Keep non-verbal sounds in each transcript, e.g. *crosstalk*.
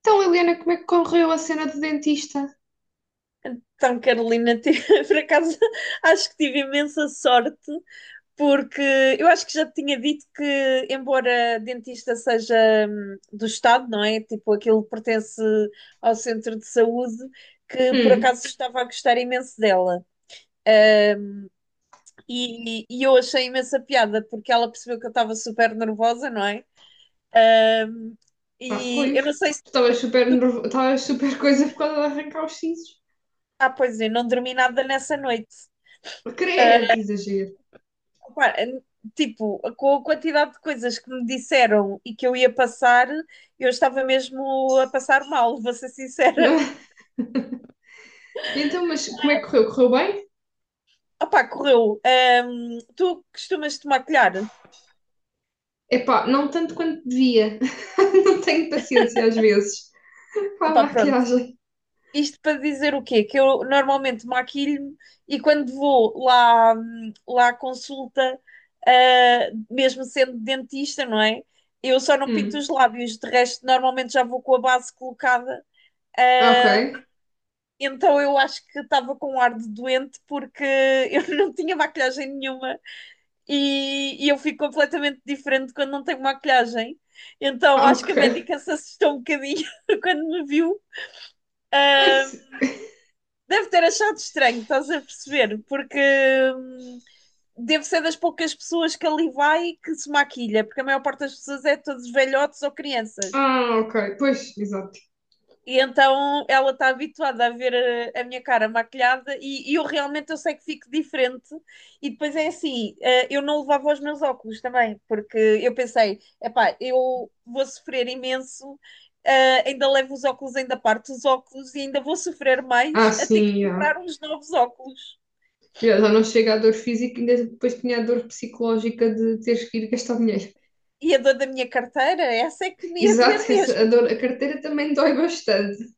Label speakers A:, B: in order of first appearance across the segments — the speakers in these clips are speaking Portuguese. A: Então, Liliana, como é que correu a cena do dentista?
B: Então, Carolina, *laughs* por acaso acho que tive imensa sorte, porque eu acho que já te tinha dito que, embora dentista seja do Estado, não é? Tipo, aquilo pertence ao centro de saúde, que por
A: Hum.
B: acaso estava a gostar imenso dela. Hum, e eu achei imensa piada, porque ela percebeu que eu estava super nervosa, não é? Hum,
A: Ah,
B: e
A: pois.
B: eu não sei se.
A: Tu Estavas super nervo... Estavas super *laughs* coisa por causa de arrancar os sisos.
B: Ah, pois é, não dormi nada nessa noite.
A: Creio, que exagero.
B: Pá, é, tipo, com a quantidade de coisas que me disseram e que eu ia passar, eu estava mesmo a passar mal, vou ser sincera.
A: *laughs* Então, mas como é que correu? Correu bem?
B: Opá, correu. Tu costumas te maquilhar?
A: Epá, não tanto quanto devia. *laughs* Não tenho paciência às vezes. Para a
B: Epá, pronto.
A: maquiagem.
B: Isto para dizer o quê? Que eu normalmente maquilho-me e quando vou lá, lá à consulta, mesmo sendo dentista, não é? Eu só não pinto
A: Hum.
B: os lábios, de resto, normalmente já vou com a base colocada.
A: Ok.
B: Então eu acho que estava com um ar de doente porque eu *laughs* não tinha maquilhagem nenhuma e eu fico completamente diferente quando não tenho maquilhagem. Então
A: Ah,
B: acho que a
A: ok.
B: médica se assustou um bocadinho *laughs* quando me viu.
A: Ah,
B: Deve ter achado estranho, estás a perceber? Porque hum, devo ser das poucas pessoas que ali vai que se maquilha, porque a maior parte das pessoas é todos velhotes ou crianças.
A: ah, ok. Pois, exato.
B: E então ela está habituada a ver a minha cara maquilhada e eu realmente eu sei que fico diferente. E depois é assim, eu não levava os meus óculos também, porque eu pensei, epá, eu vou sofrer imenso, ainda levo os óculos, ainda parto os óculos e ainda vou sofrer
A: Ah,
B: mais a ter que
A: sim, ah.
B: comprar uns novos óculos.
A: Já já não chega à dor física, ainda depois tinha a dor psicológica de teres que ir gastar dinheiro.
B: E a dor da minha carteira, essa é que me ia doer
A: Exato, *laughs* essa, a,
B: mesmo.
A: dor, a carteira também dói bastante.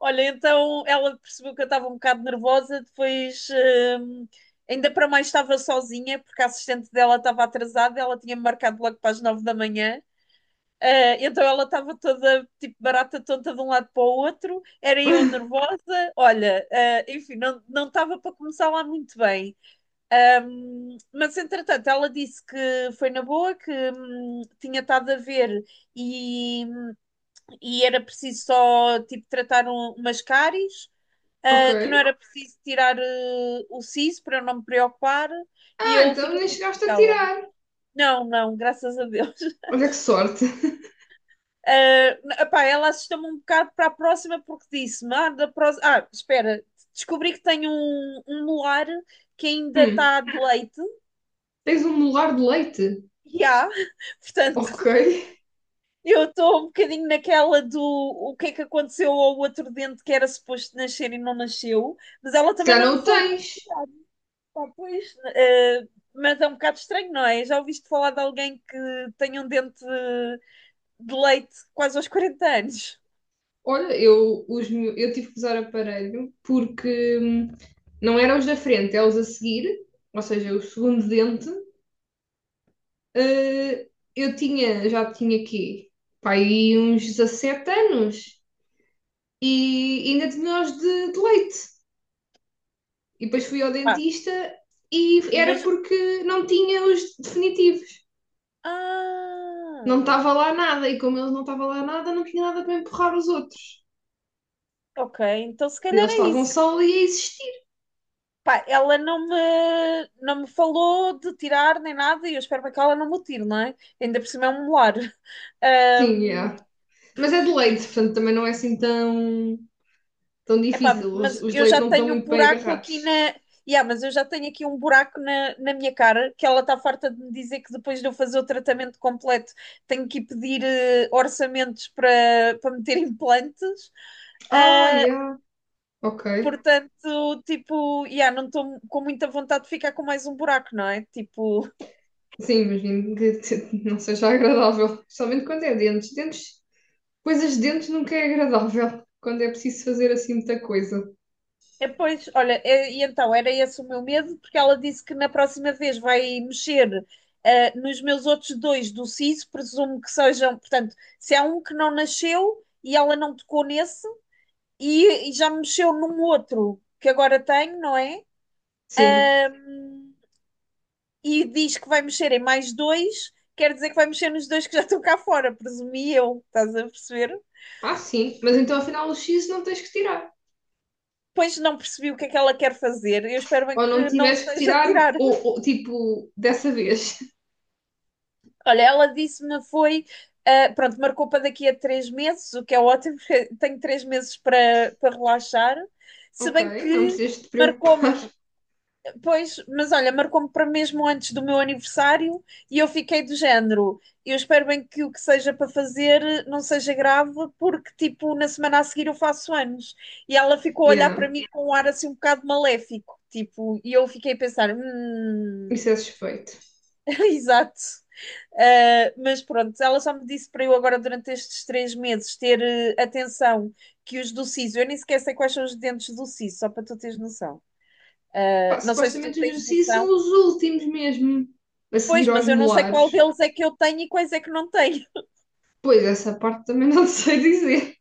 B: Olha, então ela percebeu que eu estava um bocado nervosa, depois hum, ainda para mais estava sozinha, porque a assistente dela estava atrasada, ela tinha marcado logo para as 9 da manhã. Ah, então ela estava toda tipo barata tonta de um lado para o outro, era eu
A: *laughs*
B: nervosa. Olha, enfim, não estava para começar lá muito bem. Mas entretanto, ela disse que foi na boa, que tinha estado a ver e, e era preciso só tipo tratar umas cáries,
A: Ok.
B: que não era preciso tirar, o siso, para eu não me preocupar, e
A: Ah,
B: eu
A: então
B: fiquei
A: nem
B: mesmo
A: chegaste a
B: naquela.
A: tirar.
B: Não, não, graças a Deus. *laughs*
A: Olha que sorte. *laughs*
B: Ah, epá, ela assustou-me um bocado para a próxima porque disse-me: espera, descobri que tenho um molar que ainda
A: Hum,
B: está de leite.
A: tens um molar de leite?
B: E há, *laughs*
A: Ok.
B: portanto, eu estou um bocadinho naquela do o que é que aconteceu ao outro dente que era suposto nascer e não nasceu, mas ela
A: Se
B: também
A: calhar
B: não
A: não
B: me
A: o
B: falou.
A: tens.
B: Pá, pois, mas é um bocado estranho, não é? Já ouviste falar de alguém que tenha um dente de leite quase aos 40 anos?
A: Olha, eu tive que usar aparelho porque não eram os da frente, é os a seguir, ou seja, o segundo dente. Eh, já tinha aqui, pá, aí uns 17 anos e ainda tinha os de leite. E depois fui ao
B: Pá,
A: dentista e era
B: mas.
A: porque não tinha os definitivos. Não
B: Ah,
A: estava lá nada, e como eles não estava lá nada, não tinha nada para empurrar os outros.
B: ok, então se
A: E
B: calhar
A: eles
B: é
A: estavam
B: isso.
A: só ali a existir.
B: Pá, ela não me falou de tirar nem nada e eu espero bem que ela não me o tire, não é? Ainda por cima é um molar.
A: Sim, yeah.
B: *laughs*
A: Mas é de leite, portanto também não é assim tão
B: Epá,
A: difícil. Os,
B: mas
A: os de
B: eu
A: leite
B: já
A: não estão
B: tenho um
A: muito bem
B: buraco aqui na.
A: agarrados.
B: Yeah, mas eu já tenho aqui um buraco na minha cara que ela está farta de me dizer que depois de eu fazer o tratamento completo tenho que ir pedir, orçamentos para meter *laughs* implantes.
A: Ah,
B: Ah,
A: yeah, ok.
B: portanto, tipo, yeah, não estou com muita vontade de ficar com mais um buraco, não é? Tipo,
A: Sim, imagino que *laughs* não seja agradável, especialmente quando é dentes. Dentes, coisas de dentes nunca é agradável, quando é preciso fazer assim muita coisa.
B: é, pois, olha, é, e então era esse o meu medo, porque ela disse que na próxima vez vai mexer, nos meus outros dois do siso, presumo que sejam, portanto, se há um que não nasceu e ela não tocou nesse, e já mexeu num outro que agora tenho, não é?
A: Sim,
B: E diz que vai mexer em mais dois, quer dizer que vai mexer nos dois que já estão cá fora, presumi eu, estás a perceber?
A: ah, sim, mas então afinal o X não tens que tirar.
B: Pois não percebi o que é que ela quer fazer, eu espero bem
A: Ou não
B: que não
A: tiveste que
B: seja
A: tirar,
B: tirar.
A: tipo, dessa vez. *laughs*
B: Olha, ela disse-me foi, pronto, marcou para daqui a 3 meses, o que é ótimo, *laughs* porque tenho 3 meses para relaxar. Se
A: Ok,
B: bem
A: não
B: que
A: precisas te preocupar.
B: marcou-me,
A: *laughs*
B: pois, mas olha, marcou-me para mesmo antes do meu aniversário e eu fiquei do género. Eu espero bem que o que seja para fazer não seja grave, porque tipo, na semana a seguir eu faço anos. E ela ficou a olhar
A: Yeah,
B: para mim com um ar assim um bocado maléfico, tipo, e eu fiquei a pensar,
A: isso é suspeito.
B: *laughs* exato. Mas pronto, ela só me disse para eu agora durante estes 3 meses ter, atenção que os do siso, eu nem sequer sei quais são os dentes do siso, só para tu teres noção.
A: Pá,
B: Não sei se tu
A: supostamente os
B: tens
A: X são
B: noção.
A: os últimos mesmo a seguir
B: Pois,
A: aos
B: mas eu não sei qual
A: molares.
B: deles é que eu tenho e quais é que não tenho.
A: Pois, essa parte também não *laughs* sei dizer.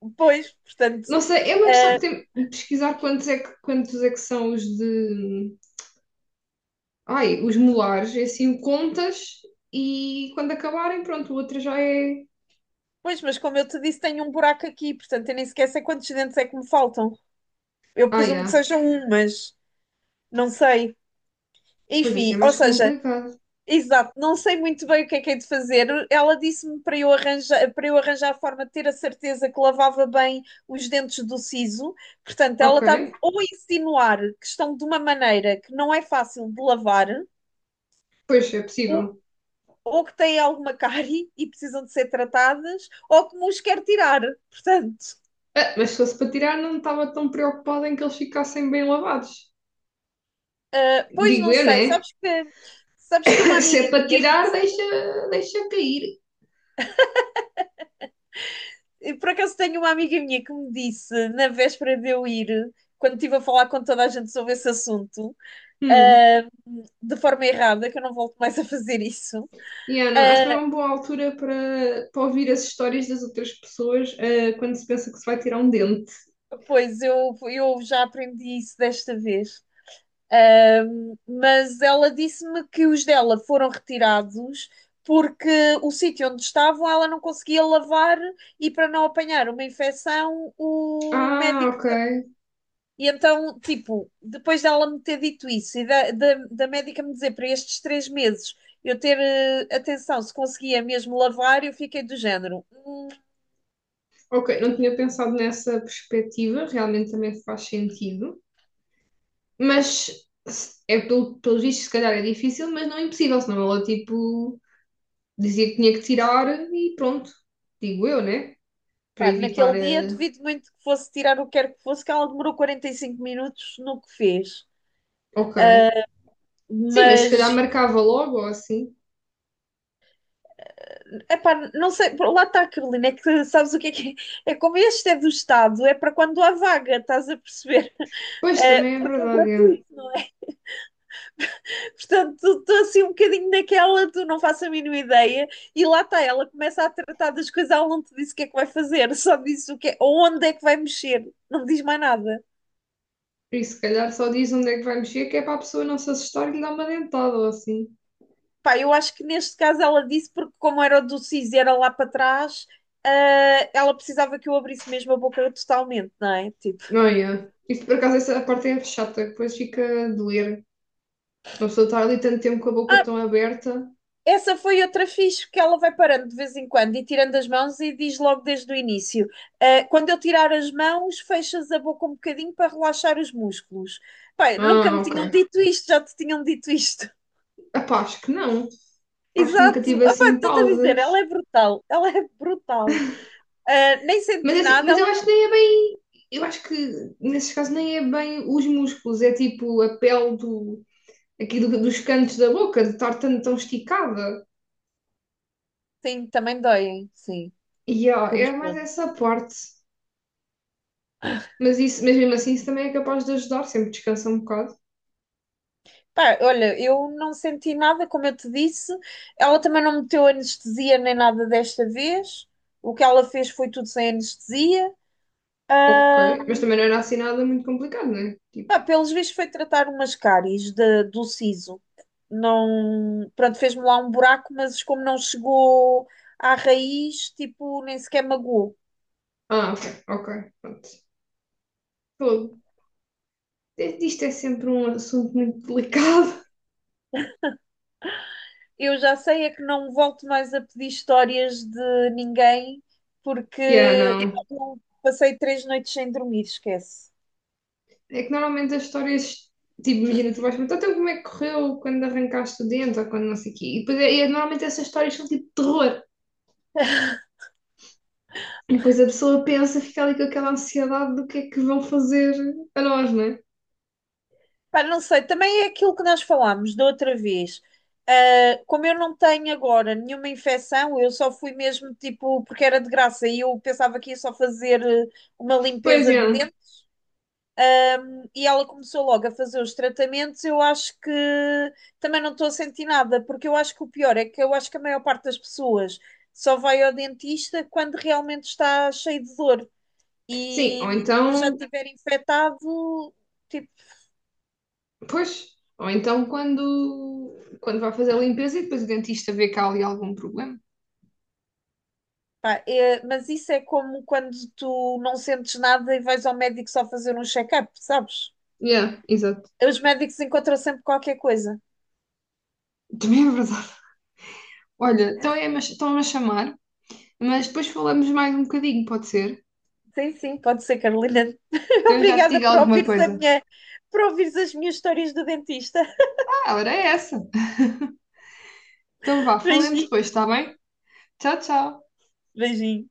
B: *laughs* Pois, portanto,
A: Não sei, é uma questão de,
B: uh,
A: de pesquisar quantos é que são os de. Ai, os molares. E assim contas e quando acabarem, pronto, o outro já é.
B: pois, mas como eu te disse, tenho um buraco aqui, portanto, eu nem sequer sei quantos dentes é que me faltam. Eu
A: Ah,
B: presumo que
A: yeah.
B: sejam um, mas não sei.
A: Pois assim é
B: Enfim, ou
A: mais
B: seja.
A: complicado.
B: Exato, não sei muito bem o que é de fazer. Ela disse-me para eu arranjar, a forma de ter a certeza que lavava bem os dentes do siso. Portanto, ela
A: Ok,
B: está-me ou a insinuar que estão de uma maneira que não é fácil de lavar,
A: pois é
B: ou,
A: possível.
B: ou que têm alguma cárie e precisam de ser tratadas, ou que me os quer tirar. Portanto,
A: Ah, mas se fosse para tirar, não estava tão preocupada em que eles ficassem bem lavados.
B: pois
A: Digo
B: não
A: eu,
B: sei.
A: né?
B: Sabes que uma
A: *laughs* Se
B: amiga
A: é para
B: minha
A: tirar,
B: disse
A: deixa cair.
B: E por acaso tenho uma amiga minha que me disse, na véspera de eu ir, quando estive a falar com toda a gente sobre esse assunto,
A: Hum.
B: ah, de forma errada, que eu não volto mais a fazer isso.
A: Yeah, não, acho que não é uma boa altura para ouvir as histórias das outras pessoas, ah, quando se pensa que se vai tirar um dente.
B: Ah, pois eu já aprendi isso desta vez. Ah, mas ela disse-me que os dela foram retirados porque o sítio onde estavam ela não conseguia lavar e para não apanhar uma infecção, o
A: Ah,
B: médico.
A: ok.
B: E então, tipo, depois dela me ter dito isso e da médica me dizer para estes 3 meses eu ter, atenção se conseguia mesmo lavar, eu fiquei do género.
A: Ok, não tinha pensado nessa perspectiva, realmente também faz sentido. Mas é pelos vistos, se calhar é difícil, mas não é impossível, senão ela tipo dizia que tinha que tirar e pronto, digo eu, né? Para
B: Pá,
A: evitar
B: naquele dia
A: a.
B: duvido muito que fosse tirar o que quer que fosse, que ela demorou 45 minutos no que fez.
A: Ok. Sim, mas se calhar
B: Mas,
A: marcava logo ou assim.
B: epá, não sei, lá está, Carolina, é que *laughs* sabes o que é que é? É como este é do Estado, é para quando há vaga, estás a perceber? *laughs*
A: Pois também é
B: Porque é
A: verdade, é.
B: gratuito, não é? Portanto, estou assim um bocadinho naquela, tu não faço a mínima ideia, e lá está, ela começa a tratar das coisas, ela não te disse o que é que vai fazer, *laughs* só disse o que é, onde é que vai mexer, não me diz mais nada.
A: Por isso, se calhar só diz onde é que vai mexer, que é para a pessoa não se assustar e lhe dar uma dentada ou assim.
B: Pá, eu acho que neste caso ela disse, porque como era o do CIS e era lá para trás, ela precisava que eu abrisse mesmo a boca totalmente, não é? Tipo,
A: Não é? Isto por acaso essa parte é chata, que depois fica a doer. Uma pessoa estar ali tanto tempo com a boca
B: ah,
A: tão aberta.
B: essa foi outra fixe, que ela vai parando de vez em quando e tirando as mãos e diz logo desde o início: quando eu tirar as mãos, fechas a boca um bocadinho para relaxar os músculos. Pai, nunca
A: Ah,
B: me
A: ok.
B: tinham dito isto, já te tinham dito isto.
A: Epá, acho que não.
B: *laughs*
A: Acho que nunca
B: Exato,
A: tive
B: Pá,
A: assim
B: estou-te a dizer,
A: pausas.
B: ela é brutal, ela é brutal. Nem
A: Mas, é
B: senti
A: assim,
B: nada,
A: mas eu
B: ela
A: acho que
B: não.
A: nem é bem. Eu acho que nesses casos nem é bem os músculos, é tipo a pele do, dos cantos da boca, de estar tão esticada.
B: Sim, também doem, sim,
A: E ó, é mais
B: corresponde.
A: essa parte. Mas, isso, mas mesmo assim, isso também é capaz de ajudar, sempre descansa um bocado.
B: Pá, olha, eu não senti nada, como eu te disse. Ela também não meteu anestesia nem nada desta vez. O que ela fez foi tudo sem anestesia.
A: Ok. Mas também não era assim nada muito complicado, não é? Tipo,
B: Pá, pelos vistos foi tratar umas cáries do siso. Não, pronto, fez-me lá um buraco, mas como não chegou à raiz, tipo, nem sequer magoou.
A: ah, ok, ok, pronto. Fogo. É, isto é sempre um assunto muito delicado. *laughs*
B: Eu já sei é que não volto mais a pedir histórias de ninguém, porque
A: Yeah, não.
B: eu passei 3 noites sem dormir, esquece.
A: É que normalmente as histórias, tipo, imagina, tu vais perguntar então como é que correu quando arrancaste o dente ou quando não sei o quê. E depois normalmente essas histórias são tipo de terror. E depois a pessoa pensa, fica ali com aquela ansiedade do que é que vão fazer a nós, não é?
B: Pá, não sei, também é aquilo que nós falámos da outra vez. Ah, como eu não tenho agora nenhuma infecção, eu só fui mesmo tipo, porque era de graça e eu pensava que ia só fazer, uma
A: Pois
B: limpeza
A: é.
B: de dentro e ela começou logo a fazer os tratamentos. Eu acho que também não estou a sentir nada, porque eu acho que o pior é que eu acho que a maior parte das pessoas só vai ao dentista quando realmente está cheio de dor
A: Sim, ou
B: e se já
A: então,
B: tiver infectado, tipo,
A: pois, ou então quando vai fazer a limpeza e depois o dentista vê que há ali algum problema.
B: pá, é, mas isso é como quando tu não sentes nada e vais ao médico só fazer um check-up, sabes?
A: Yeah, exato.
B: Os médicos encontram sempre qualquer coisa.
A: Também é verdade. Olha, então estão-me a chamar, mas depois falamos mais um bocadinho, pode ser?
B: Sim, sim, pode ser, Carolina.
A: Então
B: *laughs*
A: eu já te
B: Obrigada
A: digo
B: por
A: alguma
B: ouvires a
A: coisa.
B: minha, por ouvires as minhas histórias do dentista.
A: Ah, ela era essa. Então vá,
B: *laughs*
A: falemos depois,
B: Beijinho,
A: está bem? Tchau, tchau.
B: beijinho.